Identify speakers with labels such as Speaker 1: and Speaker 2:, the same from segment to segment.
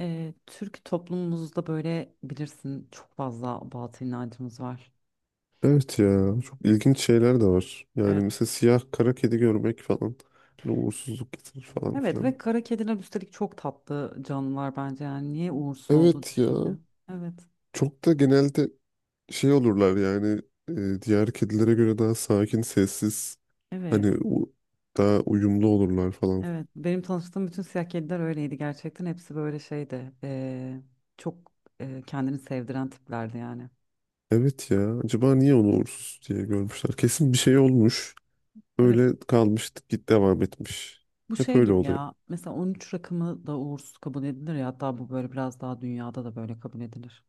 Speaker 1: Türk toplumumuzda böyle bilirsin çok fazla batıl inancımız var.
Speaker 2: Evet ya çok ilginç şeyler de var. Yani
Speaker 1: Evet.
Speaker 2: mesela siyah kara kedi görmek falan hani uğursuzluk getirir falan
Speaker 1: Evet
Speaker 2: filan.
Speaker 1: ve kara kediler üstelik çok tatlı canlılar bence yani niye uğursuz olduğunu
Speaker 2: Evet ya
Speaker 1: düşünüyorum. Evet.
Speaker 2: çok da genelde şey olurlar yani diğer kedilere göre daha sakin sessiz
Speaker 1: Evet.
Speaker 2: hani daha uyumlu olurlar falan.
Speaker 1: Evet. Benim tanıştığım bütün siyah kediler öyleydi gerçekten. Hepsi böyle şeydi. Çok kendini sevdiren tiplerdi yani.
Speaker 2: Evet ya acaba niye onu uğursuz diye görmüşler? Kesin bir şey olmuş
Speaker 1: Evet.
Speaker 2: öyle kalmış git devam etmiş.
Speaker 1: Bu
Speaker 2: Hep
Speaker 1: şey
Speaker 2: öyle
Speaker 1: gibi
Speaker 2: oluyor.
Speaker 1: ya. Mesela 13 rakamı da uğursuz kabul edilir ya. Hatta bu böyle biraz daha dünyada da böyle kabul edilir.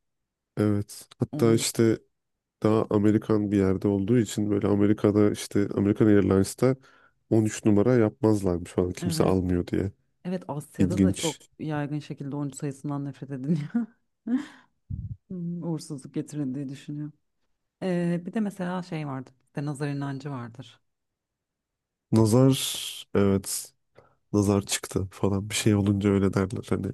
Speaker 2: Evet hatta
Speaker 1: Onun.
Speaker 2: işte daha Amerikan bir yerde olduğu için böyle Amerika'da işte American Airlines'ta 13 numara yapmazlarmış falan kimse
Speaker 1: Evet.
Speaker 2: almıyor diye.
Speaker 1: Evet, Asya'da da çok
Speaker 2: İlginç.
Speaker 1: yaygın şekilde oyuncu sayısından nefret ediliyor. Uğursuzluk getirildiği düşünüyor. Bir de mesela şey vardır, bir de nazar inancı vardır.
Speaker 2: Nazar evet nazar çıktı falan bir şey olunca öyle derler hani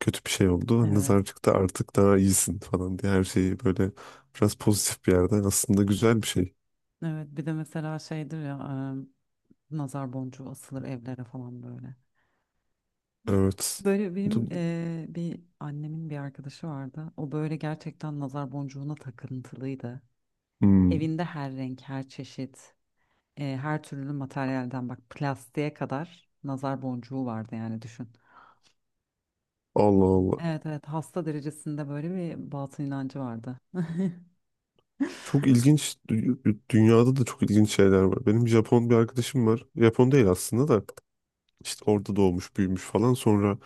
Speaker 2: kötü bir şey oldu. Hani
Speaker 1: Evet.
Speaker 2: nazar çıktı artık daha iyisin falan diye her şeyi böyle biraz pozitif bir yerden aslında güzel bir şey.
Speaker 1: Evet, bir de mesela şeydir ya, nazar boncuğu asılır evlere falan böyle.
Speaker 2: Evet.
Speaker 1: Böyle benim
Speaker 2: Du-
Speaker 1: bir annemin bir arkadaşı vardı. O böyle gerçekten nazar boncuğuna takıntılıydı.
Speaker 2: Hmm.
Speaker 1: Evinde her renk, her çeşit, her türlü materyalden bak plastiğe kadar nazar boncuğu vardı yani düşün.
Speaker 2: Allah Allah.
Speaker 1: Evet, evet, hasta derecesinde böyle bir batıl inancı vardı.
Speaker 2: Çok ilginç dünyada da çok ilginç şeyler var. Benim Japon bir arkadaşım var. Japon değil aslında da. İşte orada doğmuş, büyümüş falan. Sonra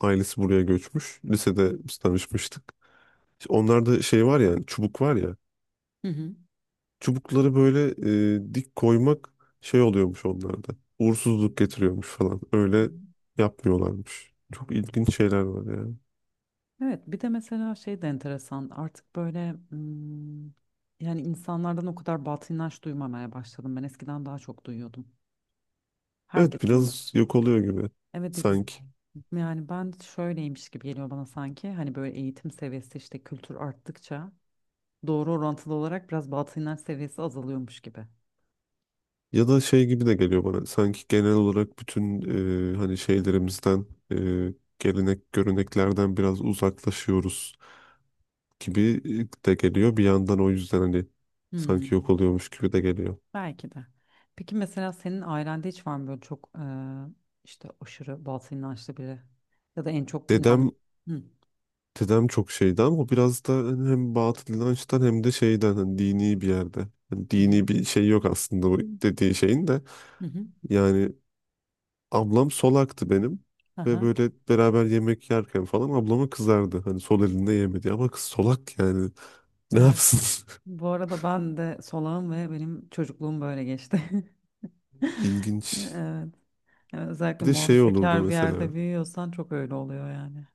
Speaker 2: ailesi buraya göçmüş. Lisede biz tanışmıştık. İşte onlarda şey var ya, hani çubuk var ya.
Speaker 1: Hı hı.
Speaker 2: Çubukları böyle dik koymak şey oluyormuş onlarda. Uğursuzluk getiriyormuş falan. Öyle yapmıyorlarmış. Çok ilginç şeyler var ya.
Speaker 1: Evet, bir de mesela şey de enteresan artık böyle, yani insanlardan o kadar batıl inanç duymamaya başladım. Ben eskiden daha çok duyuyordum.
Speaker 2: Evet
Speaker 1: Herkesin bu-
Speaker 2: biraz yok oluyor gibi
Speaker 1: evet,
Speaker 2: sanki.
Speaker 1: yani ben şöyleymiş gibi geliyor bana, sanki hani böyle eğitim seviyesi işte kültür arttıkça doğru orantılı olarak biraz batıl inanç seviyesi azalıyormuş gibi.
Speaker 2: Ya da şey gibi de geliyor bana. Sanki genel olarak bütün hani şeylerimizden, e, gelenek, göreneklerden biraz uzaklaşıyoruz gibi de geliyor. Bir yandan o yüzden hani sanki yok
Speaker 1: Hmm.
Speaker 2: oluyormuş gibi de geliyor.
Speaker 1: Belki de. Peki mesela senin ailende hiç var mı böyle çok, işte aşırı batıl inançlı biri ya da en çok
Speaker 2: Dedem
Speaker 1: Hı.
Speaker 2: dedem çok şeydi ama o biraz da hani hem batıl inançtan hem de şeyden hani dini bir yerde. Hani
Speaker 1: Hı hı.
Speaker 2: dini bir şey yok aslında bu dediği şeyin de.
Speaker 1: Hı hı.
Speaker 2: Yani ablam solaktı benim ve
Speaker 1: Aha,
Speaker 2: böyle beraber yemek yerken falan ablama kızardı. Hani sol elinde yemedi ama kız solak yani ne
Speaker 1: evet.
Speaker 2: yapsın?
Speaker 1: Bu arada ben de solağım ve benim çocukluğum böyle geçti.
Speaker 2: İlginç.
Speaker 1: Evet. Yani
Speaker 2: Bir
Speaker 1: özellikle
Speaker 2: de şey olurdu
Speaker 1: muhafazakar bir
Speaker 2: mesela.
Speaker 1: yerde büyüyorsan çok öyle oluyor yani.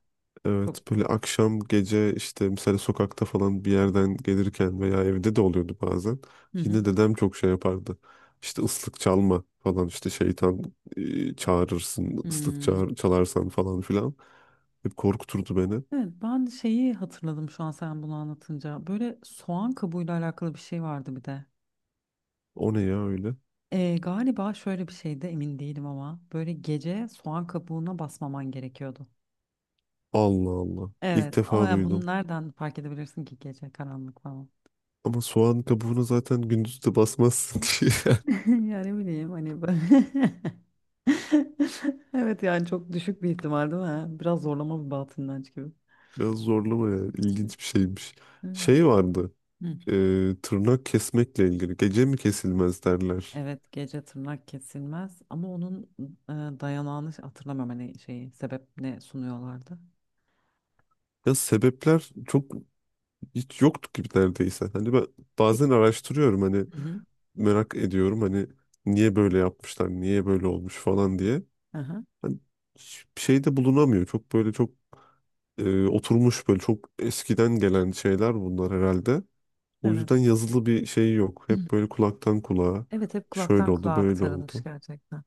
Speaker 2: Evet
Speaker 1: Çok.
Speaker 2: böyle akşam gece işte mesela sokakta falan bir yerden gelirken veya evde de oluyordu bazen.
Speaker 1: Hı hı.
Speaker 2: Yine dedem çok şey yapardı. İşte ıslık çalma falan işte şeytan çağırırsın ıslık
Speaker 1: Hmm.
Speaker 2: çağır, çalarsan falan filan. Hep korkuturdu beni.
Speaker 1: Evet, ben şeyi hatırladım şu an sen bunu anlatınca. Böyle soğan kabuğuyla alakalı bir şey vardı bir de.
Speaker 2: O ne ya öyle?
Speaker 1: Galiba şöyle bir şeyde, emin değilim ama böyle gece soğan kabuğuna basmaman gerekiyordu.
Speaker 2: Allah Allah. İlk
Speaker 1: Evet ama
Speaker 2: defa
Speaker 1: ya bunu
Speaker 2: duydum.
Speaker 1: nereden fark edebilirsin ki, gece karanlık falan.
Speaker 2: Ama soğan kabuğuna zaten gündüz de basmazsın diye.
Speaker 1: Yani bileyim hani böyle- Evet yani çok düşük bir ihtimal değil mi? Ha? Biraz zorlama bir batıl inanç gibi.
Speaker 2: Biraz zorlama ya. İlginç bir şeymiş.
Speaker 1: Evet.
Speaker 2: Şey vardı.
Speaker 1: Hı.
Speaker 2: Tırnak kesmekle ilgili. Gece mi kesilmez derler.
Speaker 1: Evet, gece tırnak kesilmez ama onun e, dayanağını hatırlamıyorum, hani şeyi, sebep ne sunuyorlardı.
Speaker 2: Ya sebepler çok hiç yoktu gibi neredeyse. Hani ben
Speaker 1: Bir-
Speaker 2: bazen araştırıyorum hani
Speaker 1: Hı hı.
Speaker 2: merak ediyorum hani niye böyle yapmışlar, niye böyle olmuş falan diye.
Speaker 1: Aha.
Speaker 2: Hani hiçbir şey de bulunamıyor. Çok böyle çok oturmuş böyle çok eskiden gelen şeyler bunlar herhalde. O
Speaker 1: Evet.
Speaker 2: yüzden yazılı bir şey yok. Hep böyle kulaktan kulağa
Speaker 1: Evet, hep
Speaker 2: şöyle
Speaker 1: kulaktan
Speaker 2: oldu,
Speaker 1: kulağa
Speaker 2: böyle
Speaker 1: aktarılmış
Speaker 2: oldu.
Speaker 1: gerçekten.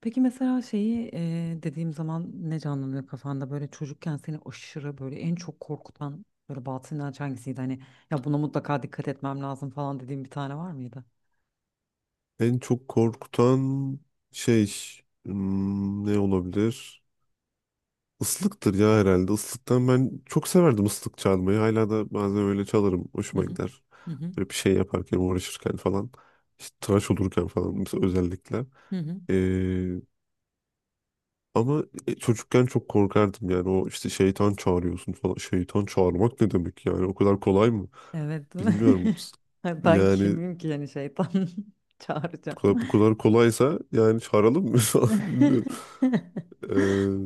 Speaker 1: Peki mesela şeyi, dediğim zaman ne canlanıyor kafanda, böyle çocukken seni aşırı böyle en çok korkutan böyle batıl inanç hangisiydi? Hani ya buna mutlaka dikkat etmem lazım falan dediğim bir tane var mıydı?
Speaker 2: En çok korkutan şey ne olabilir? Islıktır ya herhalde. Islıktan ben çok severdim ıslık çalmayı. Hala da bazen öyle çalarım.
Speaker 1: Hı
Speaker 2: Hoşuma
Speaker 1: hı.
Speaker 2: gider.
Speaker 1: Hı hı.
Speaker 2: Böyle bir şey yaparken, uğraşırken falan. İşte tıraş olurken falan mesela özellikle.
Speaker 1: Hı hı.
Speaker 2: Ee, ama çocukken çok korkardım yani. O işte şeytan çağırıyorsun falan. Şeytan çağırmak ne demek yani? O kadar kolay mı?
Speaker 1: Evet.
Speaker 2: Bilmiyorum.
Speaker 1: Ben
Speaker 2: Yani
Speaker 1: kimim ki yani şeytan
Speaker 2: bu
Speaker 1: çağıracağım.
Speaker 2: kadar, bu kadar kolaysa yani çağıralım mı? falan. Bilmiyorum. Ee,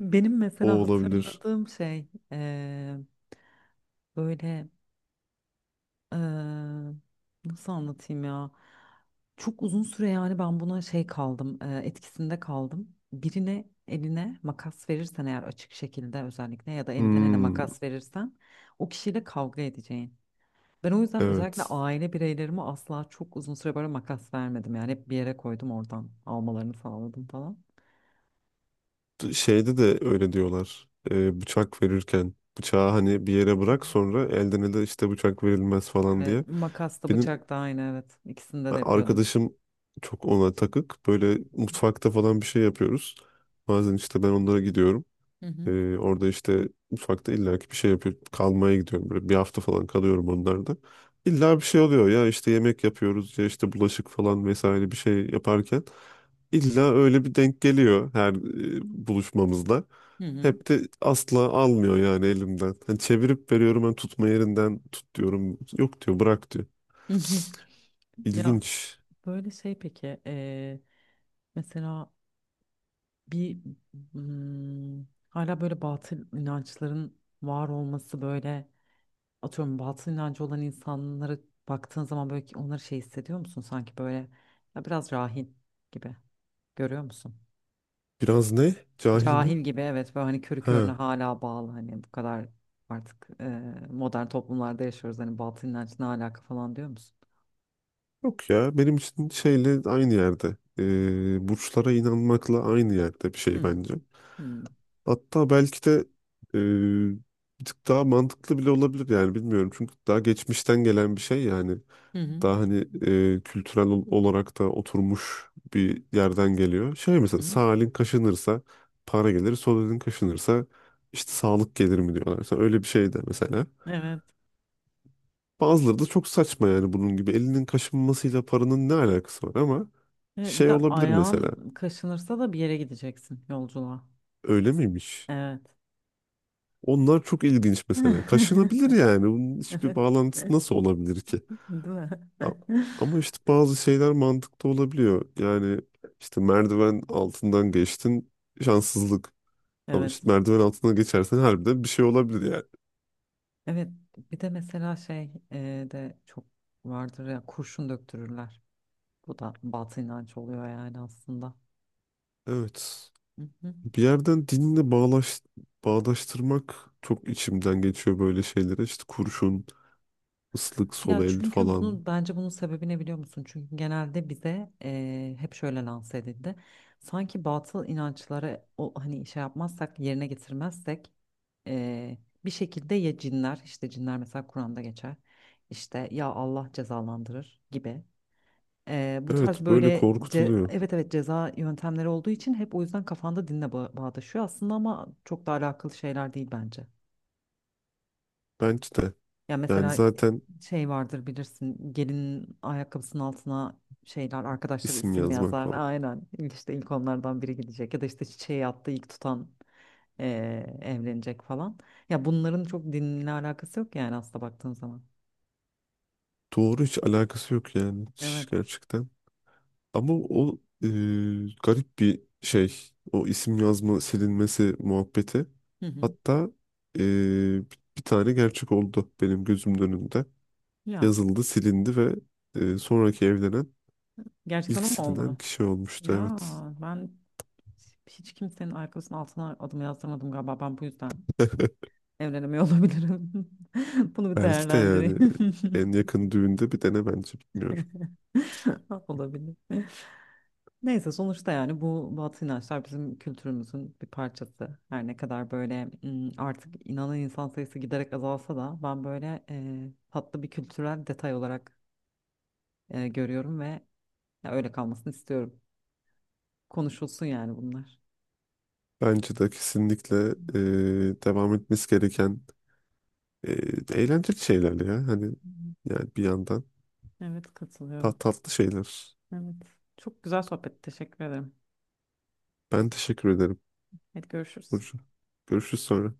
Speaker 1: Benim
Speaker 2: o
Speaker 1: mesela
Speaker 2: olabilir.
Speaker 1: hatırladığım şey, eee, böyle Eee, nasıl anlatayım ya? Çok uzun süre yani ben buna şey kaldım, etkisinde kaldım. Birine eline makas verirsen eğer, açık şekilde özellikle ya da elden ele
Speaker 2: Hmm,
Speaker 1: makas verirsen o kişiyle kavga edeceğin. Ben o yüzden özellikle
Speaker 2: evet.
Speaker 1: aile bireylerime asla çok uzun süre böyle makas vermedim. Yani hep bir yere koydum, oradan almalarını sağladım falan.
Speaker 2: Şeyde de öyle diyorlar. Bıçak verirken bıçağı hani bir yere
Speaker 1: Hı
Speaker 2: bırak sonra elden ele işte bıçak verilmez
Speaker 1: hı.
Speaker 2: falan
Speaker 1: Ve
Speaker 2: diye.
Speaker 1: makas da
Speaker 2: Benim
Speaker 1: bıçak da aynı, evet. İkisinde de yapıyordum.
Speaker 2: arkadaşım çok ona takık. Böyle mutfakta falan bir şey yapıyoruz. Bazen işte ben onlara gidiyorum.
Speaker 1: Hı hı.
Speaker 2: Orada işte mutfakta illaki bir şey yapıyor. Kalmaya gidiyorum böyle bir hafta falan kalıyorum onlarda. İlla bir şey oluyor ya işte yemek yapıyoruz ya işte bulaşık falan vesaire bir şey yaparken. İlla öyle bir denk geliyor her e, buluşmamızda.
Speaker 1: Hı hı.
Speaker 2: Hep de asla almıyor yani elimden. Hani çevirip veriyorum ben tutma yerinden tut diyorum. Yok diyor bırak diyor.
Speaker 1: Hı hı. Ya
Speaker 2: İlginç.
Speaker 1: böyle şey peki, mesela bir, hala böyle batıl inançların var olması böyle, atıyorum batıl inancı olan insanlara baktığın zaman böyle, ki onları şey hissediyor musun, sanki böyle ya biraz rahil gibi görüyor musun?
Speaker 2: Biraz ne? Cahil mi?
Speaker 1: Cahil gibi, evet, böyle hani körü körüne
Speaker 2: Ha.
Speaker 1: hala bağlı, hani bu kadar artık, modern toplumlarda yaşıyoruz, hani batıl inanç ne alaka falan diyor musun?
Speaker 2: Yok ya benim için şeyle aynı yerde. Burçlara inanmakla aynı yerde bir şey
Speaker 1: Hmm.
Speaker 2: bence.
Speaker 1: Hmm.
Speaker 2: Hatta belki de e, bir tık daha mantıklı bile olabilir yani bilmiyorum. Çünkü daha geçmişten gelen bir şey yani.
Speaker 1: Hı hı,
Speaker 2: Daha hani kültürel olarak da oturmuş bir yerden geliyor. Şey
Speaker 1: hı
Speaker 2: mesela
Speaker 1: hı.
Speaker 2: sağ elin kaşınırsa para gelir, sol elin kaşınırsa işte sağlık gelir mi diyorlar. Mesela öyle bir şey de mesela.
Speaker 1: Evet.
Speaker 2: Bazıları da çok saçma yani bunun gibi. Elinin kaşınmasıyla paranın ne alakası var ama
Speaker 1: Evet, bir
Speaker 2: şey
Speaker 1: de
Speaker 2: olabilir mesela.
Speaker 1: ayağın kaşınırsa da bir yere gideceksin, yolculuğa.
Speaker 2: Öyle miymiş?
Speaker 1: Evet.
Speaker 2: Onlar çok ilginç mesela. Kaşınabilir yani. Bunun hiçbir
Speaker 1: Evet.
Speaker 2: bağlantısı nasıl olabilir ki?
Speaker 1: Değil mi?
Speaker 2: A- Ama işte bazı şeyler mantıklı olabiliyor. Yani işte merdiven altından geçtin şanssızlık. Ama
Speaker 1: Evet.
Speaker 2: işte merdiven altından geçersen harbiden bir şey olabilir yani.
Speaker 1: Evet. Bir de mesela şey de çok vardır ya, kurşun döktürürler. Bu da batı inanç oluyor yani aslında.
Speaker 2: Evet.
Speaker 1: Hı hı.
Speaker 2: Bir yerden dinle bağlaş, bağdaştırmak çok içimden geçiyor böyle şeylere. İşte kurşun, ıslık, sol
Speaker 1: Ya
Speaker 2: el
Speaker 1: çünkü
Speaker 2: falan.
Speaker 1: bunu, bence bunun sebebi ne biliyor musun? Çünkü genelde bize hep şöyle lanse edildi. Sanki batıl inançlara o hani şey yapmazsak, yerine getirmezsek, Ee, bir şekilde ya cinler, işte cinler mesela Kur'an'da geçer, işte ya Allah cezalandırır gibi. Bu tarz
Speaker 2: Evet böyle
Speaker 1: böyle
Speaker 2: korkutuluyor.
Speaker 1: evet, evet, ceza yöntemleri olduğu için, hep o yüzden kafanda dinle bağdaşıyor aslında, ama çok da alakalı şeyler değil bence.
Speaker 2: Bence de.
Speaker 1: Ya
Speaker 2: Yani
Speaker 1: mesela
Speaker 2: zaten
Speaker 1: şey vardır, bilirsin, gelinin ayakkabısının altına şeyler, arkadaşları
Speaker 2: isim
Speaker 1: isim
Speaker 2: yazmak
Speaker 1: yazar,
Speaker 2: falan.
Speaker 1: aynen, işte ilk onlardan biri gidecek, ya da işte çiçeği attı ilk tutan, evlenecek falan. Ya bunların çok dinle alakası yok yani, aslında baktığın zaman.
Speaker 2: Doğru hiç alakası yok yani. Hiç
Speaker 1: Evet.
Speaker 2: gerçekten. Ama o e, garip bir şey. O isim yazma silinmesi muhabbeti.
Speaker 1: Hı hı.
Speaker 2: Hatta e, bir tane gerçek oldu benim gözümün önünde.
Speaker 1: Ya
Speaker 2: Yazıldı, silindi ve sonraki evlenen
Speaker 1: gerçekten
Speaker 2: ilk
Speaker 1: o mu
Speaker 2: silinen
Speaker 1: oldu?
Speaker 2: kişi olmuştu.
Speaker 1: Ya
Speaker 2: Evet.
Speaker 1: ben hiç kimsenin ayakkabısının altına adımı yazdırmadım galiba. Ben bu yüzden evlenemiyor olabilirim. Bunu bir
Speaker 2: Belki de yani
Speaker 1: değerlendireyim.
Speaker 2: en yakın düğünde bir dene bence bilmiyorum.
Speaker 1: Olabilir. Neyse, sonuçta yani bu batı inançlar bizim kültürümüzün bir parçası. Her ne kadar böyle, artık inanan insan sayısı giderek azalsa da, ben böyle tatlı bir kültürel detay olarak görüyorum ve ya öyle kalmasını istiyorum. Konuşulsun yani bunlar.
Speaker 2: Bence de kesinlikle devam etmesi gereken e, eğlenceli şeyler ya. Hani yani bir yandan
Speaker 1: Evet,
Speaker 2: ta
Speaker 1: katılıyorum.
Speaker 2: tatlı şeyler.
Speaker 1: Evet. Çok güzel sohbet. Teşekkür ederim.
Speaker 2: Ben teşekkür ederim
Speaker 1: Hadi görüşürüz.
Speaker 2: Burcu. Görüşürüz sonra.